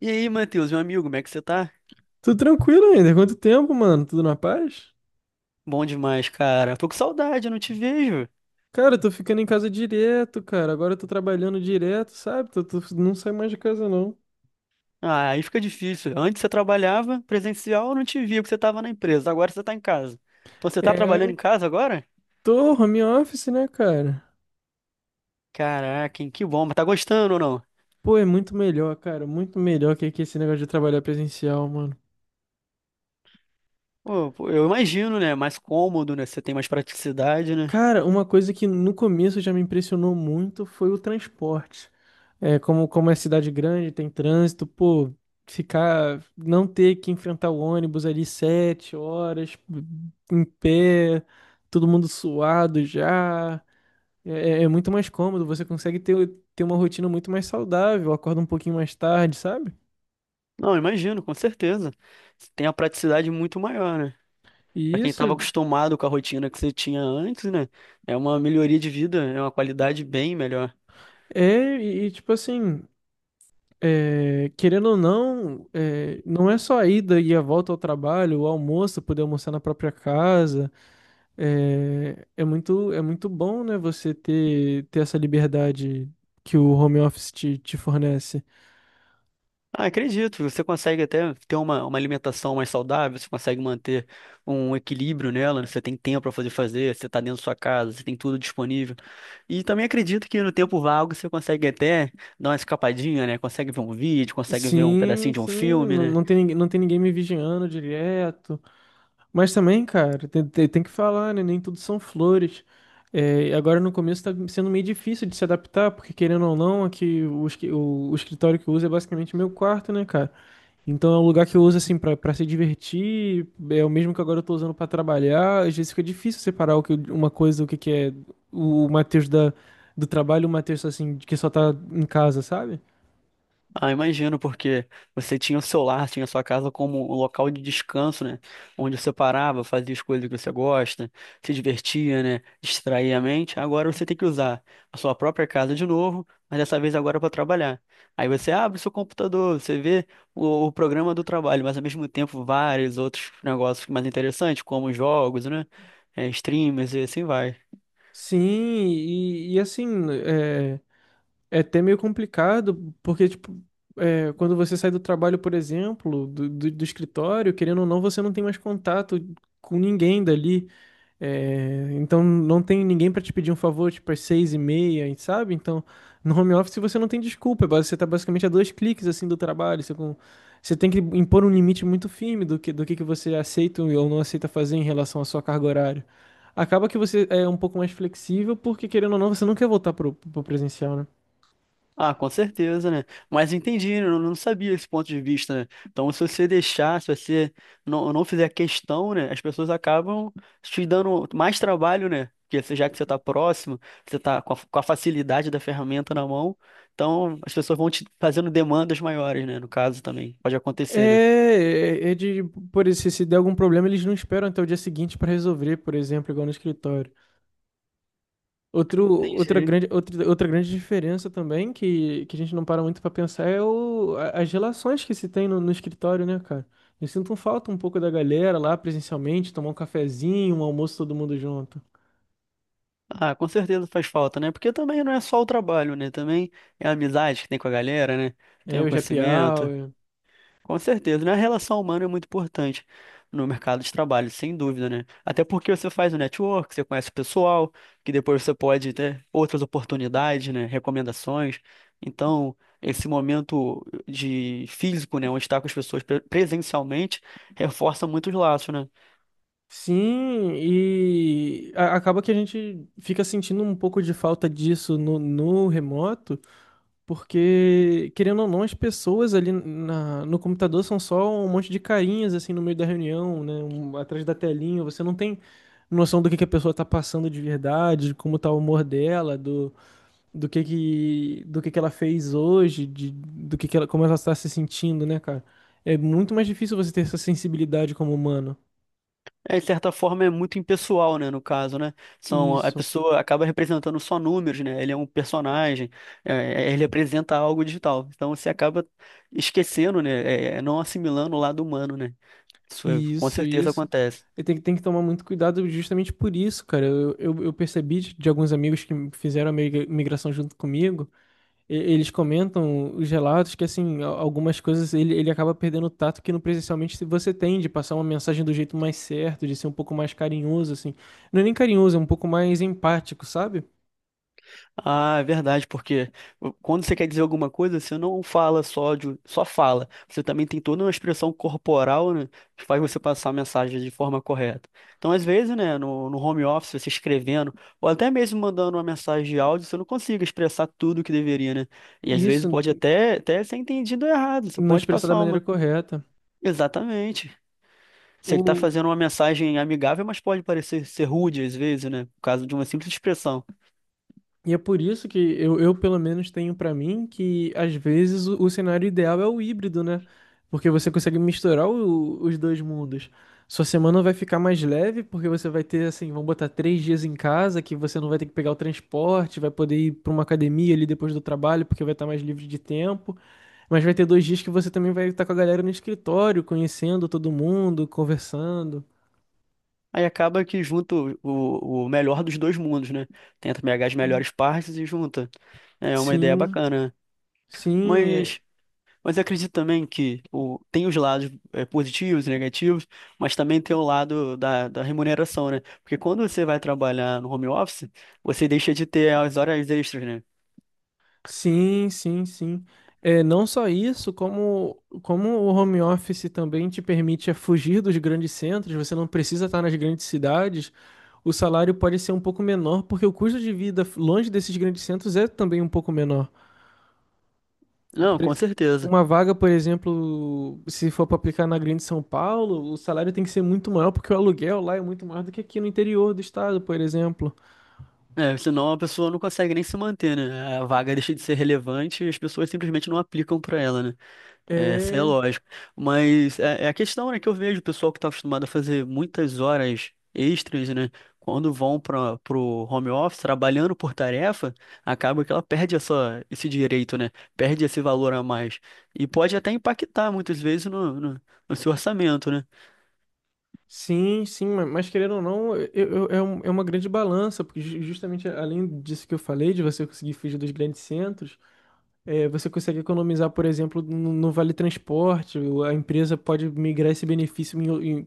E aí, Matheus, meu amigo, como é que você tá? Tô tranquilo ainda. Quanto tempo, mano? Tudo na paz? Bom demais, cara. Tô com saudade, eu não te vejo. Cara, eu tô ficando em casa direto, cara. Agora eu tô trabalhando direto, sabe? Não saio mais de casa, não. Ah, aí fica difícil. Antes você trabalhava presencial, eu não te via, porque você tava na empresa. Agora você tá em casa. Então você tá trabalhando É, em casa agora? tô home office, né, cara? Caraca, hein, que bom. Mas tá gostando ou não? Pô, é muito melhor, cara. Muito melhor que esse negócio de trabalhar presencial, mano. Pô, eu imagino, né? Mais cômodo, né? Você tem mais praticidade, né? Cara, uma coisa que no começo já me impressionou muito foi o transporte. É, como é cidade grande, tem trânsito, pô, ficar, não ter que enfrentar o ônibus ali 7 horas, em pé, todo mundo suado já, é, é muito mais cômodo, ter uma rotina muito mais saudável, acorda um pouquinho mais tarde, sabe? Não, imagino, com certeza. Você tem a praticidade muito maior, né? Pra E quem tava isso. acostumado com a rotina que você tinha antes, né? É uma melhoria de vida, é uma qualidade bem melhor. Tipo assim, querendo ou não, não é só a ida e a volta ao trabalho, o almoço, poder almoçar na própria casa. É muito bom, né, ter essa liberdade que o home office te fornece. Ah, acredito, você consegue até ter uma alimentação mais saudável, você consegue manter um equilíbrio nela, né? Você tem tempo para fazer, você está dentro da sua casa, você tem tudo disponível. E também acredito que no tempo vago você consegue até dar uma escapadinha, né? Consegue ver um vídeo, consegue ver um Sim, pedacinho de um sim, filme, né? Não tem ninguém me vigiando direto. Mas também, cara, tem que falar, né? Nem tudo são flores. É, agora no começo tá sendo meio difícil de se adaptar, porque querendo ou não, aqui o, esqui- o escritório que eu uso é basicamente meu quarto, né, cara? Então é um lugar que eu uso assim pra para se divertir, é o mesmo que agora eu tô usando pra trabalhar. Às vezes fica difícil separar o que, que é o Matheus da, do trabalho, e o Matheus assim, que só tá em casa, sabe? Ah, imagino, porque você tinha o seu lar, tinha a sua casa como um local de descanso, né? Onde você parava, fazia as coisas que você gosta, se divertia, né? Distraía a mente. Agora você tem que usar a sua própria casa de novo, mas dessa vez agora para trabalhar. Aí você abre o seu computador, você vê o programa do trabalho, mas ao mesmo tempo vários outros negócios mais interessantes, como jogos, né? É, streamers e assim vai. Sim, e, e assim, é, É até meio complicado, porque, tipo, é, quando você sai do trabalho, por exemplo, do escritório, querendo ou não, você não tem mais contato com ninguém dali. É, então, não tem ninguém para te pedir um favor, tipo, às 6:30, sabe? Então, no home office você não tem desculpa, você tá basicamente a dois cliques, assim, do trabalho. Você tem que impor um limite muito firme do que, do que você aceita ou não aceita fazer em relação à sua carga horária. Acaba que você é um pouco mais flexível, porque, querendo ou não, você não quer voltar pro presencial, né? Ah, com certeza, né? Mas entendi, né? Eu não sabia esse ponto de vista, né? Então, se você deixar, se você não fizer questão, né? As pessoas acabam te dando mais trabalho, né? Porque você- já que você está próximo, você está com a facilidade da ferramenta na mão, então as pessoas vão te fazendo demandas maiores, né? No caso também, pode É, acontecer, né? é é de, por isso, se der algum problema, eles não esperam até o dia seguinte para resolver, por exemplo, igual no escritório. Outro, Entendi. Outra grande diferença também, que a gente não para muito para pensar, é as relações que se tem no escritório, né, cara? Eu sinto falta um pouco da galera lá presencialmente, tomar um cafezinho, um almoço todo mundo junto. Ah, com certeza faz falta, né? Porque também não é só o trabalho, né? Também é a amizade que tem com a galera, né? Tem É, o o happy conhecimento. hour. Com certeza, né? A relação humana é muito importante no mercado de trabalho, sem dúvida, né? Até porque você faz o network, você conhece o pessoal, que depois você pode ter outras oportunidades, né? Recomendações. Então, esse momento de físico, né, onde está com as pessoas pre- presencialmente, reforça muito os laços, né? Sim, acaba que a gente fica sentindo um pouco de falta disso no remoto. Porque, querendo ou não, as pessoas ali no computador são só um monte de carinhas, assim, no meio da reunião, né? Atrás da telinha. Você não tem noção que a pessoa tá passando de verdade, de como tá o humor dela, do que ela fez hoje, de, do que ela, como ela tá se sentindo, né, cara? É muito mais difícil você ter essa sensibilidade como humano. É, de certa forma é muito impessoal, né, no caso, né? São, a Isso. pessoa acaba representando só números, né? Ele é um personagem, ele representa algo digital. Então você acaba esquecendo, né? Não assimilando o lado humano, né? Isso é- com Isso, certeza isso. acontece. E tem que tomar muito cuidado justamente por isso, cara. Eu percebi de alguns amigos que fizeram a migração junto comigo, eles comentam os relatos que, assim, algumas coisas ele acaba perdendo o tato que no presencialmente se você tem, de passar uma mensagem do jeito mais certo, de ser um pouco mais carinhoso, assim. Não é nem carinhoso, é um pouco mais empático, sabe? Ah, é verdade, porque quando você quer dizer alguma coisa, você não fala só de, só fala. Você também tem toda uma expressão corporal, né, que faz você passar a mensagem de forma correta. Então, às vezes, né, no home office, você escrevendo, ou até mesmo mandando uma mensagem de áudio, você não consegue expressar tudo o que deveria, né? E às E vezes isso, pode até ser entendido errado. Você não pode expressar da passar maneira uma. correta. Exatamente. Você está fazendo uma mensagem amigável, mas pode parecer ser rude às vezes, né? Por causa de uma simples expressão. E é por isso que eu pelo menos, tenho pra mim que, às vezes, o cenário ideal é o híbrido, né? Porque você consegue misturar os dois mundos. Sua semana vai ficar mais leve, porque você vai ter, assim, vamos botar 3 dias em casa, que você não vai ter que pegar o transporte, vai poder ir pra uma academia ali depois do trabalho, porque vai estar mais livre de tempo. Mas vai ter 2 dias que você também vai estar com a galera no escritório, conhecendo todo mundo, conversando. Aí acaba que junta o, o melhor dos dois mundos, né? Tenta pegar as melhores partes e junta. É uma ideia Sim, bacana, né? sim, é. Mas, mas eu acredito também que o, tem os lados é, positivos e negativos, mas também tem o lado da, da remuneração, né? Porque quando você vai trabalhar no home office, você deixa de ter as horas extras, né? Sim, é, não só isso, como o home office também te permite fugir dos grandes centros, você não precisa estar nas grandes cidades, o salário pode ser um pouco menor, porque o custo de vida longe desses grandes centros é também um pouco menor. Não, Por com ex- certeza. uma vaga, por exemplo, se for para aplicar na Grande São Paulo, o salário tem que ser muito maior, porque o aluguel lá é muito maior do que aqui no interior do estado, por exemplo. É, senão a pessoa não consegue nem se manter, né? A vaga deixa de ser relevante e as pessoas simplesmente não aplicam para ela, né? É, isso é É. lógico. Mas é, é a questão, né, que eu vejo o pessoal que está acostumado a fazer muitas horas extras, né? Quando vão para o home office trabalhando por tarefa, acaba que ela perde essa, esse direito, né? Perde esse valor a mais. E pode até impactar muitas vezes no seu orçamento, né? Mas querendo ou não, é uma grande balança, porque justamente além disso que eu falei, de você conseguir fugir dos grandes centros, é, você consegue economizar, por exemplo, no vale transporte, a empresa pode migrar esse benefício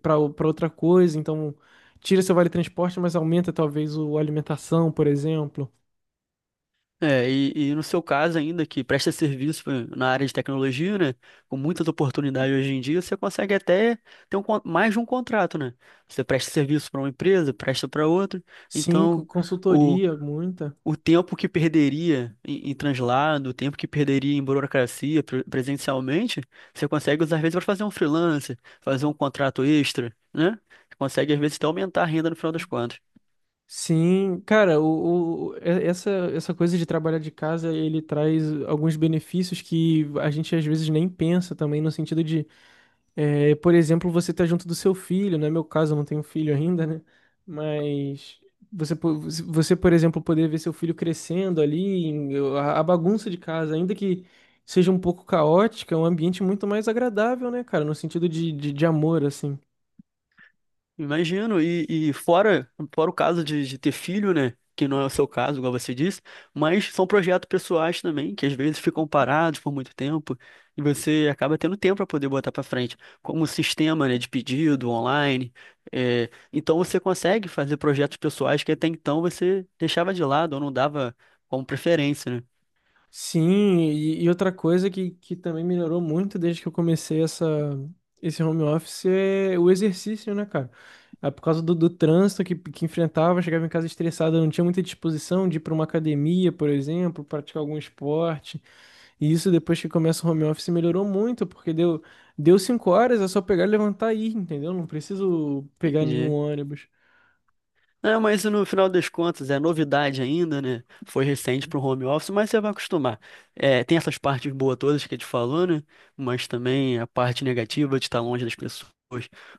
para outra coisa, então tira seu vale transporte, mas aumenta talvez o alimentação, por exemplo. É, e no seu caso ainda, que presta serviço pra- na área de tecnologia, né? Com muitas oportunidades hoje em dia, você consegue até ter um, con- mais de um contrato, né? Você presta serviço para uma empresa, presta para outra. Então, o, Consultoria, muita. o tempo que perderia em, em translado, o tempo que perderia em burocracia pre- presencialmente, você consegue usar às vezes para fazer um freelancer, fazer um contrato extra, né? Você consegue às vezes até aumentar a renda no final das contas. Sim, cara, essa coisa de trabalhar de casa, ele traz alguns benefícios que a gente às vezes nem pensa também, no sentido de, é, por exemplo, você tá junto do seu filho, não é meu caso, eu não tenho filho ainda, né? Mas você, po- você, por exemplo, poder ver seu filho crescendo ali, a bagunça de casa, ainda que seja um pouco caótica, é um ambiente muito mais agradável, né, cara, no sentido de amor, assim. Imagino, e fora, fora o caso de ter filho, né? Que não é o seu caso, igual você disse, mas são projetos pessoais também, que às vezes ficam parados por muito tempo, e você acaba tendo tempo para poder botar para frente, como o sistema, né, de pedido online. É, então você consegue fazer projetos pessoais que até então você deixava de lado ou não dava como preferência, né? Sim, e outra coisa que também melhorou muito desde que eu comecei esse home office é o exercício, né, cara? Ah, por causa do trânsito que enfrentava, chegava em casa estressado, eu não tinha muita disposição de ir para uma academia, por exemplo, praticar algum esporte. E isso depois que começa o home office melhorou muito, porque deu 5 horas, é só pegar, levantar e ir, entendeu? Não preciso pegar nenhum ônibus. É, mas no final das contas é novidade ainda, né? Foi recente para o home office, mas você vai acostumar. É, tem essas partes boas todas que a gente falou, né? Mas também a parte negativa de estar longe das pessoas,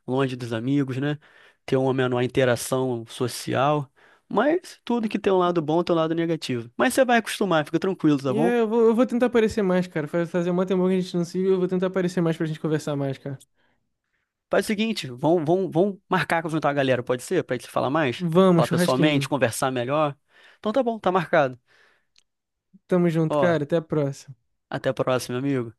longe dos amigos, né? Ter uma menor interação social. Mas tudo que tem um lado bom tem um lado negativo. Mas você vai acostumar, fica tranquilo, tá bom? Eu vou tentar aparecer mais, cara. Fazer uma temporada que a gente não se viu, eu vou tentar aparecer mais pra gente conversar mais, cara. Faz o seguinte, vamos marcar com juntar a galera, pode ser? Pra gente se falar mais? Vamos, Falar pessoalmente, churrasquinho. conversar melhor. Então tá bom, tá marcado. Tamo junto, Ó, cara. Até a próxima. até a próxima, amigo.